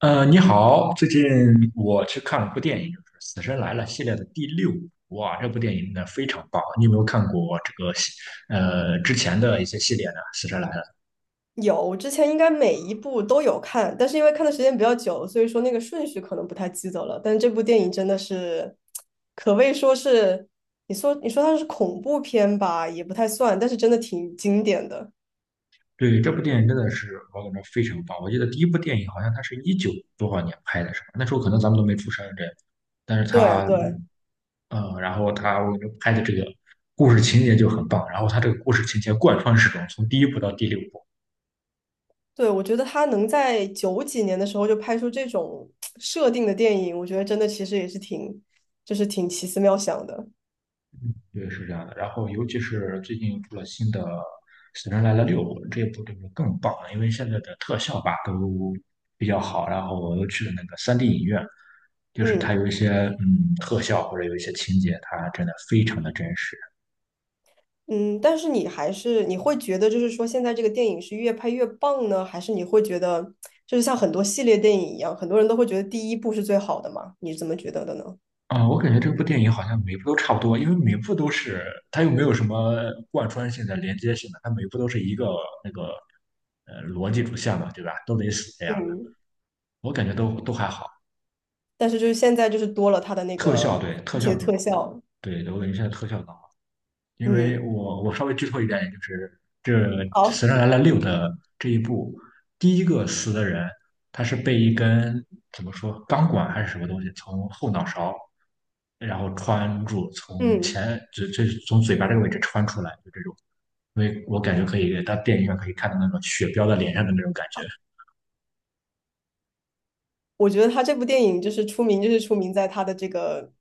你好，最近我去看了部电影，就是《死神来了》系列的第六部。哇，这部电影呢非常棒！你有没有看过这个之前的一些系列呢？《死神来了》有，我之前应该每一部都有看，但是因为看的时间比较久，所以说那个顺序可能不太记得了。但这部电影真的是，可谓说是，你说它是恐怖片吧，也不太算，但是真的挺经典的。对这部电影真的是我感觉非常棒。我记得第一部电影好像它是一九多少年拍的，是吧？那时候可能咱们都没出生这样，但是对对然后他我觉得拍的这个故事情节就很棒，然后他这个故事情节贯穿始终，从第一部到第六部。对，我觉得他能在九几年的时候就拍出这种设定的电影，我觉得真的其实也是挺，就是挺奇思妙想的。对，是这样的。然后，尤其是最近出了新的《死神来了六》，这部就是更棒了，因为现在的特效吧都比较好。然后我又去了那个 3D 影院，就是它嗯。有一些特效或者有一些情节，它真的非常的真实。嗯，但是你还是你会觉得，就是说现在这个电影是越拍越棒呢，还是你会觉得，就是像很多系列电影一样，很多人都会觉得第一部是最好的嘛？你是怎么觉得的呢？我感觉这部电影好像每部都差不多，因为每部都是它又没有什么贯穿性的、连接性的，它每部都是一个那个逻辑主线嘛，对吧？都得死这样的，嗯，我感觉都还好。但是就是现在就是多了它的那特效个对一特体效的特效，对，我感觉现在特效更好，因为嗯，我稍微剧透一点，就是这好，《死神来了六》的这一部，第一个死的人，他是被一根怎么说钢管还是什么东西从后脑勺，然后穿住，从嗯，前从嘴巴这个位置穿出来，就这种，因为我感觉可以到电影院可以看到那种血飙在脸上的那种感觉。我觉得他这部电影就是出名，就是出名在他的这个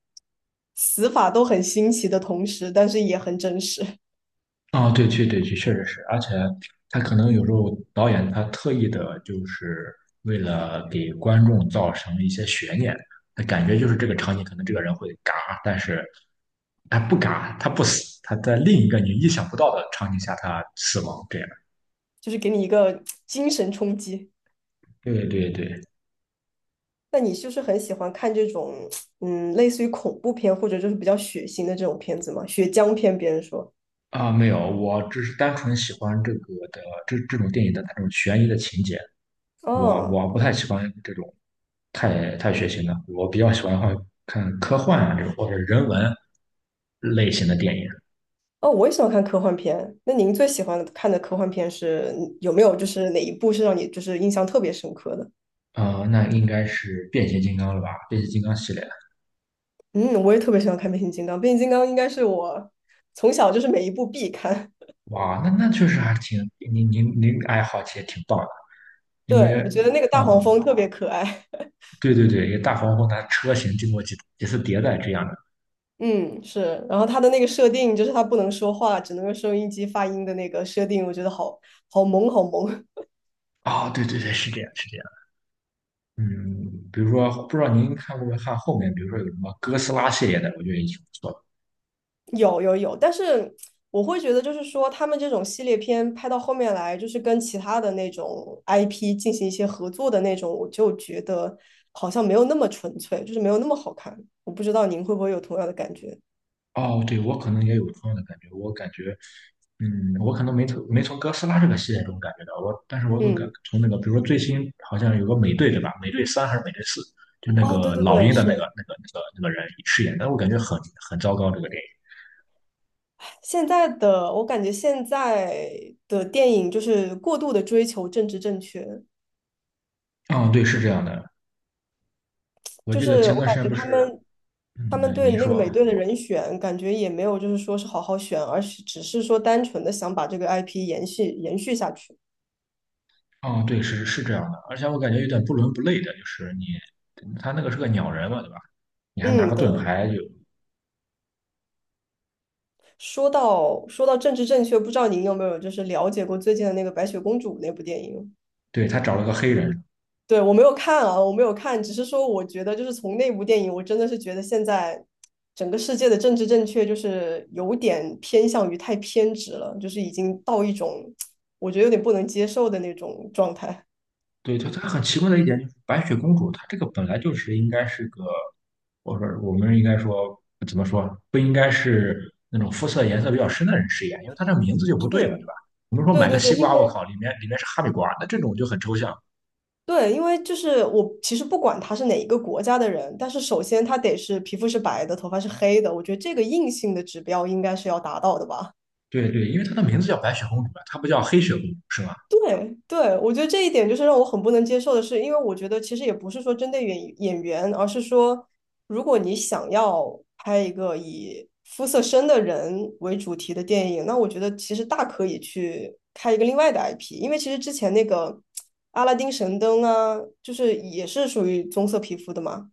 死法都很新奇的同时，但是也很真实，啊，对去，对去，确实是，而且他可能有时候导演他特意的，就是为了给观众造成一些悬念，他感觉就是这个场景可能这个人会嘎，但是他不嘎，他不死，他在另一个你意想不到的场景下他死亡，这样。就是给你一个精神冲击。对对对，那你是不是很喜欢看这种，嗯，类似于恐怖片或者就是比较血腥的这种片子吗？血浆片，别人说。啊，没有，我只是单纯喜欢这个的这这种电影的它这种悬疑的情节，我哦我不太喜欢这种太血腥了。我比较喜欢看科幻啊这种或者人文类型的电影。哦，我也喜欢看科幻片。那您最喜欢看的科幻片是有没有就是哪一部是让你就是印象特别深刻的？啊，那应该是变形金刚了吧？变形金刚系列。嗯，我也特别喜欢看变形金刚，变形金刚应该是我从小就是每一部必看。哇，那确实还挺，您爱好其实挺棒的，因为对，我觉得那个啊、大黄蜂特别可爱。对对对，一个大黄蜂它车型经过几次迭代这样的。嗯，是。然后它的那个设定就是它不能说话，只能用收音机发音的那个设定，我觉得好好萌，好萌。啊，对对对，是这样，是这样。嗯，比如说，不知道您看过没看后面，比如说有什么哥斯拉系列的，我觉得也挺不错的。有有有，但是我会觉得，就是说他们这种系列片拍到后面来，就是跟其他的那种 IP 进行一些合作的那种，我就觉得好像没有那么纯粹，就是没有那么好看。我不知道您会不会有同样的感觉？哦，对，我可能也有同样的感觉，我感觉，嗯，我可能没从哥斯拉这个系列中感觉到，我，但是我都感嗯，从那个，比如说最新好像有个美队对吧？美队三还是美队四？就那哦，对个对老对，鹰的那个是那个那个那个人饰演的，我感觉很很糟糕这个电影。现在的，我感觉现在的电影就是过度的追求政治正确，嗯，对，是这样的，我就记得是前我段时感间觉不他是，们他嗯，们对，对您那个说，美队的人选，感觉也没有就是说是好好选，而是只是说单纯的想把这个 IP 延续延续下去。哦，对，是是这样的，而且我感觉有点不伦不类的，就是你他那个是个鸟人嘛，对吧？你还拿个嗯，盾对。牌，就，说到政治正确，不知道您有没有就是了解过最近的那个《白雪公主》那部电影？对，他找了个黑人。对，我没有看啊，我没有看，只是说我觉得就是从那部电影，我真的是觉得现在整个世界的政治正确就是有点偏向于太偏执了，就是已经到一种我觉得有点不能接受的那种状态。对，它很奇怪的一点就是白雪公主，她这个本来就是应该是个，我说我们应该说怎么说，不应该是那种肤色颜色比较深的人饰演，因为她这名字就不对嘛，是，对吧？我们说对买个对对，西因瓜，我为靠，里面是哈密瓜，那这种就很抽象。对，因为就是我其实不管他是哪一个国家的人，但是首先他得是皮肤是白的，头发是黑的，我觉得这个硬性的指标应该是要达到的吧。对对，因为她的名字叫白雪公主啊，她不叫黑雪公主，是吗？对对，我觉得这一点就是让我很不能接受的是，因为我觉得其实也不是说针对演员，而是说，如果你想要拍一个以肤色深的人为主题的电影，那我觉得其实大可以去开一个另外的 IP，因为其实之前那个阿拉丁神灯啊，就是也是属于棕色皮肤的嘛，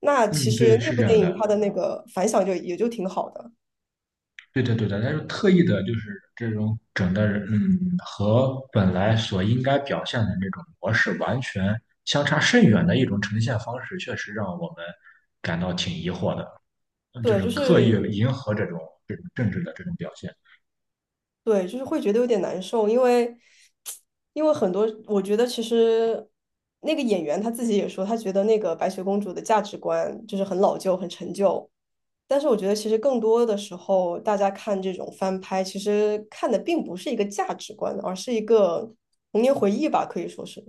那其嗯，实对，那是部这样电的。影它的那个反响就也就挺好的。对的，对的，他是特意的，就是这种整的人，嗯，和本来所应该表现的那种模式完全相差甚远的一种呈现方式，确实让我们感到挺疑惑的，嗯就对，是就刻意是迎合这种政治的这种表现。对，就是会觉得有点难受，因为很多，我觉得其实那个演员他自己也说，他觉得那个白雪公主的价值观就是很老旧、很陈旧。但是我觉得其实更多的时候，大家看这种翻拍，其实看的并不是一个价值观，而是一个童年回忆吧，可以说是。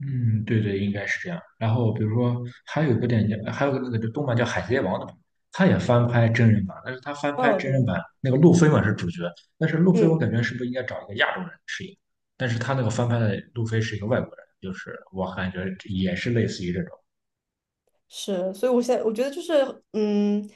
嗯，对对，应该是这样。然后比如说，还有一个电影叫，还有个那个动漫叫《海贼王》的，他也翻拍真人版，但是他翻拍嗯，真人对，版那个路飞嘛是主角，但是路飞我嗯。感觉是不是应该找一个亚洲人饰演？但是他那个翻拍的路飞是一个外国人，就是我感觉也是类似于这种。是，所以我现在我觉得就是，嗯，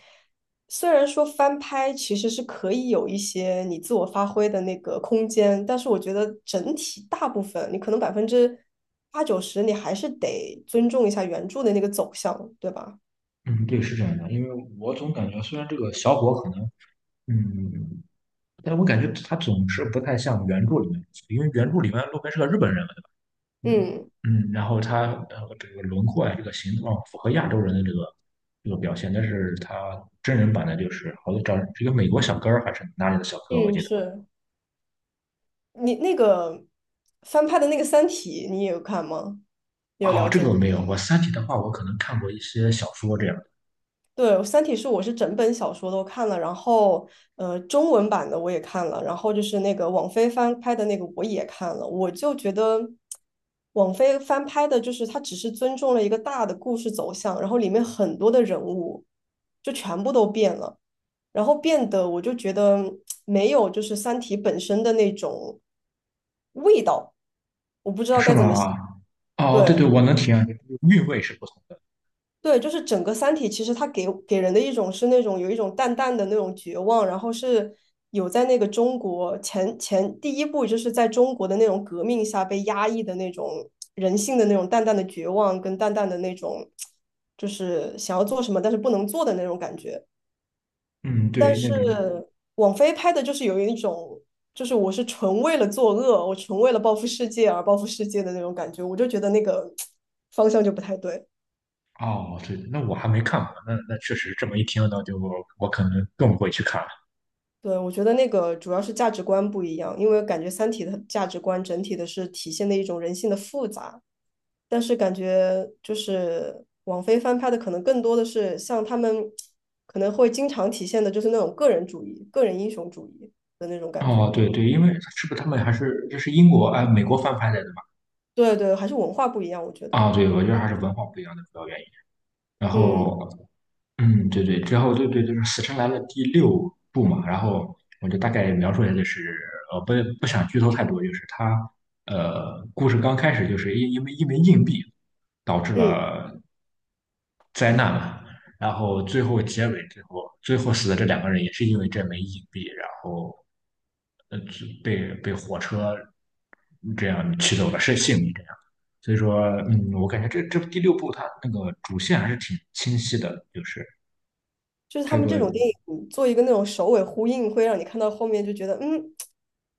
虽然说翻拍其实是可以有一些你自我发挥的那个空间，但是我觉得整体大部分你可能百分之八九十，你还是得尊重一下原著的那个走向，对吧？嗯，对，是这样的，因为我总感觉虽然这个小伙可能，嗯，嗯嗯但我感觉他总是不太像原著里面，因为原著里面路飞是个日本人。嗯，嗯嗯，然后他这个轮廓啊，这个形状符合亚洲人的这个表现，但是他真人版的就是好像找这个美国小哥儿还是哪里的小哥，我嗯，记得。是你那个翻拍的那个《三体》，你也有看吗？你有哦，了这解个我过？没有，我《三体》的话，我可能看过一些小说这样对，《三体》是我是整本小说都看了，然后中文版的我也看了，然后就是那个网飞翻拍的那个我也看了，我就觉得网飞翻拍的，就是它只是尊重了一个大的故事走向，然后里面很多的人物就全部都变了，然后变得我就觉得没有就是《三体》本身的那种味道，我不知的，道是该怎么吗？哦，对对，对，我能体验，韵味是不同的。对，就是整个《三体》，其实它给人的一种是那种有一种淡淡的那种绝望，然后是有在那个中国前第一部就是在中国的那种革命下被压抑的那种人性的那种淡淡的绝望，跟淡淡的那种就是想要做什么但是不能做的那种感觉。嗯，但对，那是种。王菲拍的就是有一种就是我是纯为了作恶，我纯为了报复世界而报复世界的那种感觉，我就觉得那个方向就不太对。哦，对，那我还没看过，那那确实这么一听呢，就我可能更不会去看了。对，我觉得那个主要是价值观不一样，因为感觉《三体》的价值观整体的是体现的一种人性的复杂，但是感觉就是网飞翻拍的可能更多的是像他们可能会经常体现的就是那种个人主义、个人英雄主义的那种感觉。哦，对对，因为是不是他们还是这是英国哎美国翻拍的对对，还是文化不一样，我觉得。啊，对，我觉得还是文化不一样的主要原因。然嗯后，嗯，对对，之后对对，就是《死神来了》第六部嘛。然后我就大概描述一下，就是呃，不不想剧透太多，就是他故事刚开始就是因为一枚硬币导致嗯，了灾难嘛。然后最后结尾最后死的这两个人也是因为这枚硬币，然后就被火车这样取走了是性命这样。所以说，嗯，我感觉这第六部它那个主线还是挺清晰的，就是就是它他有们这个种电影做一个那种首尾呼应，会让你看到后面就觉得嗯，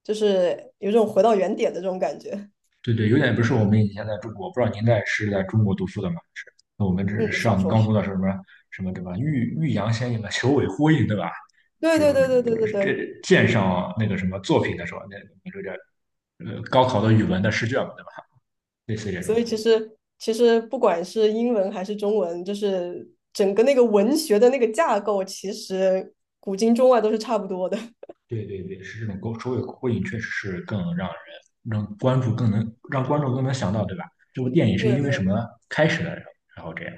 就是有种回到原点的这种感觉。对对，有点不是我们以前在中国，不知道您在是在中国读书的吗？是，那我们这是嗯，小上说高中是。的什么什么对吧？欲扬先抑嘛，求尾呼应对吧？对这对种对对对对这对。鉴赏那个什么作品的时候，那这个高考的语文的试卷嘛，对吧？类似这种，所以其实不管是英文还是中文，就是整个那个文学的那个架构，其实古今中外都是差不多的。对对对，是这种勾首尾呼应，确实是更让关注更能让观众更能想到，对吧？这部电影是对因为什对，么开始的，然后这样。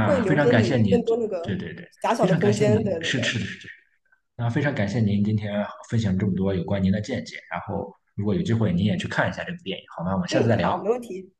会非留常给感谢你你，更多那个对对对，遐想非的常感空谢间。你，对对是对，是是那非常感谢您今天分享这么多有关您的见解，然后如果有机会您也去看一下这部电影，好吗？我们下次嗯，再好，聊。没问题。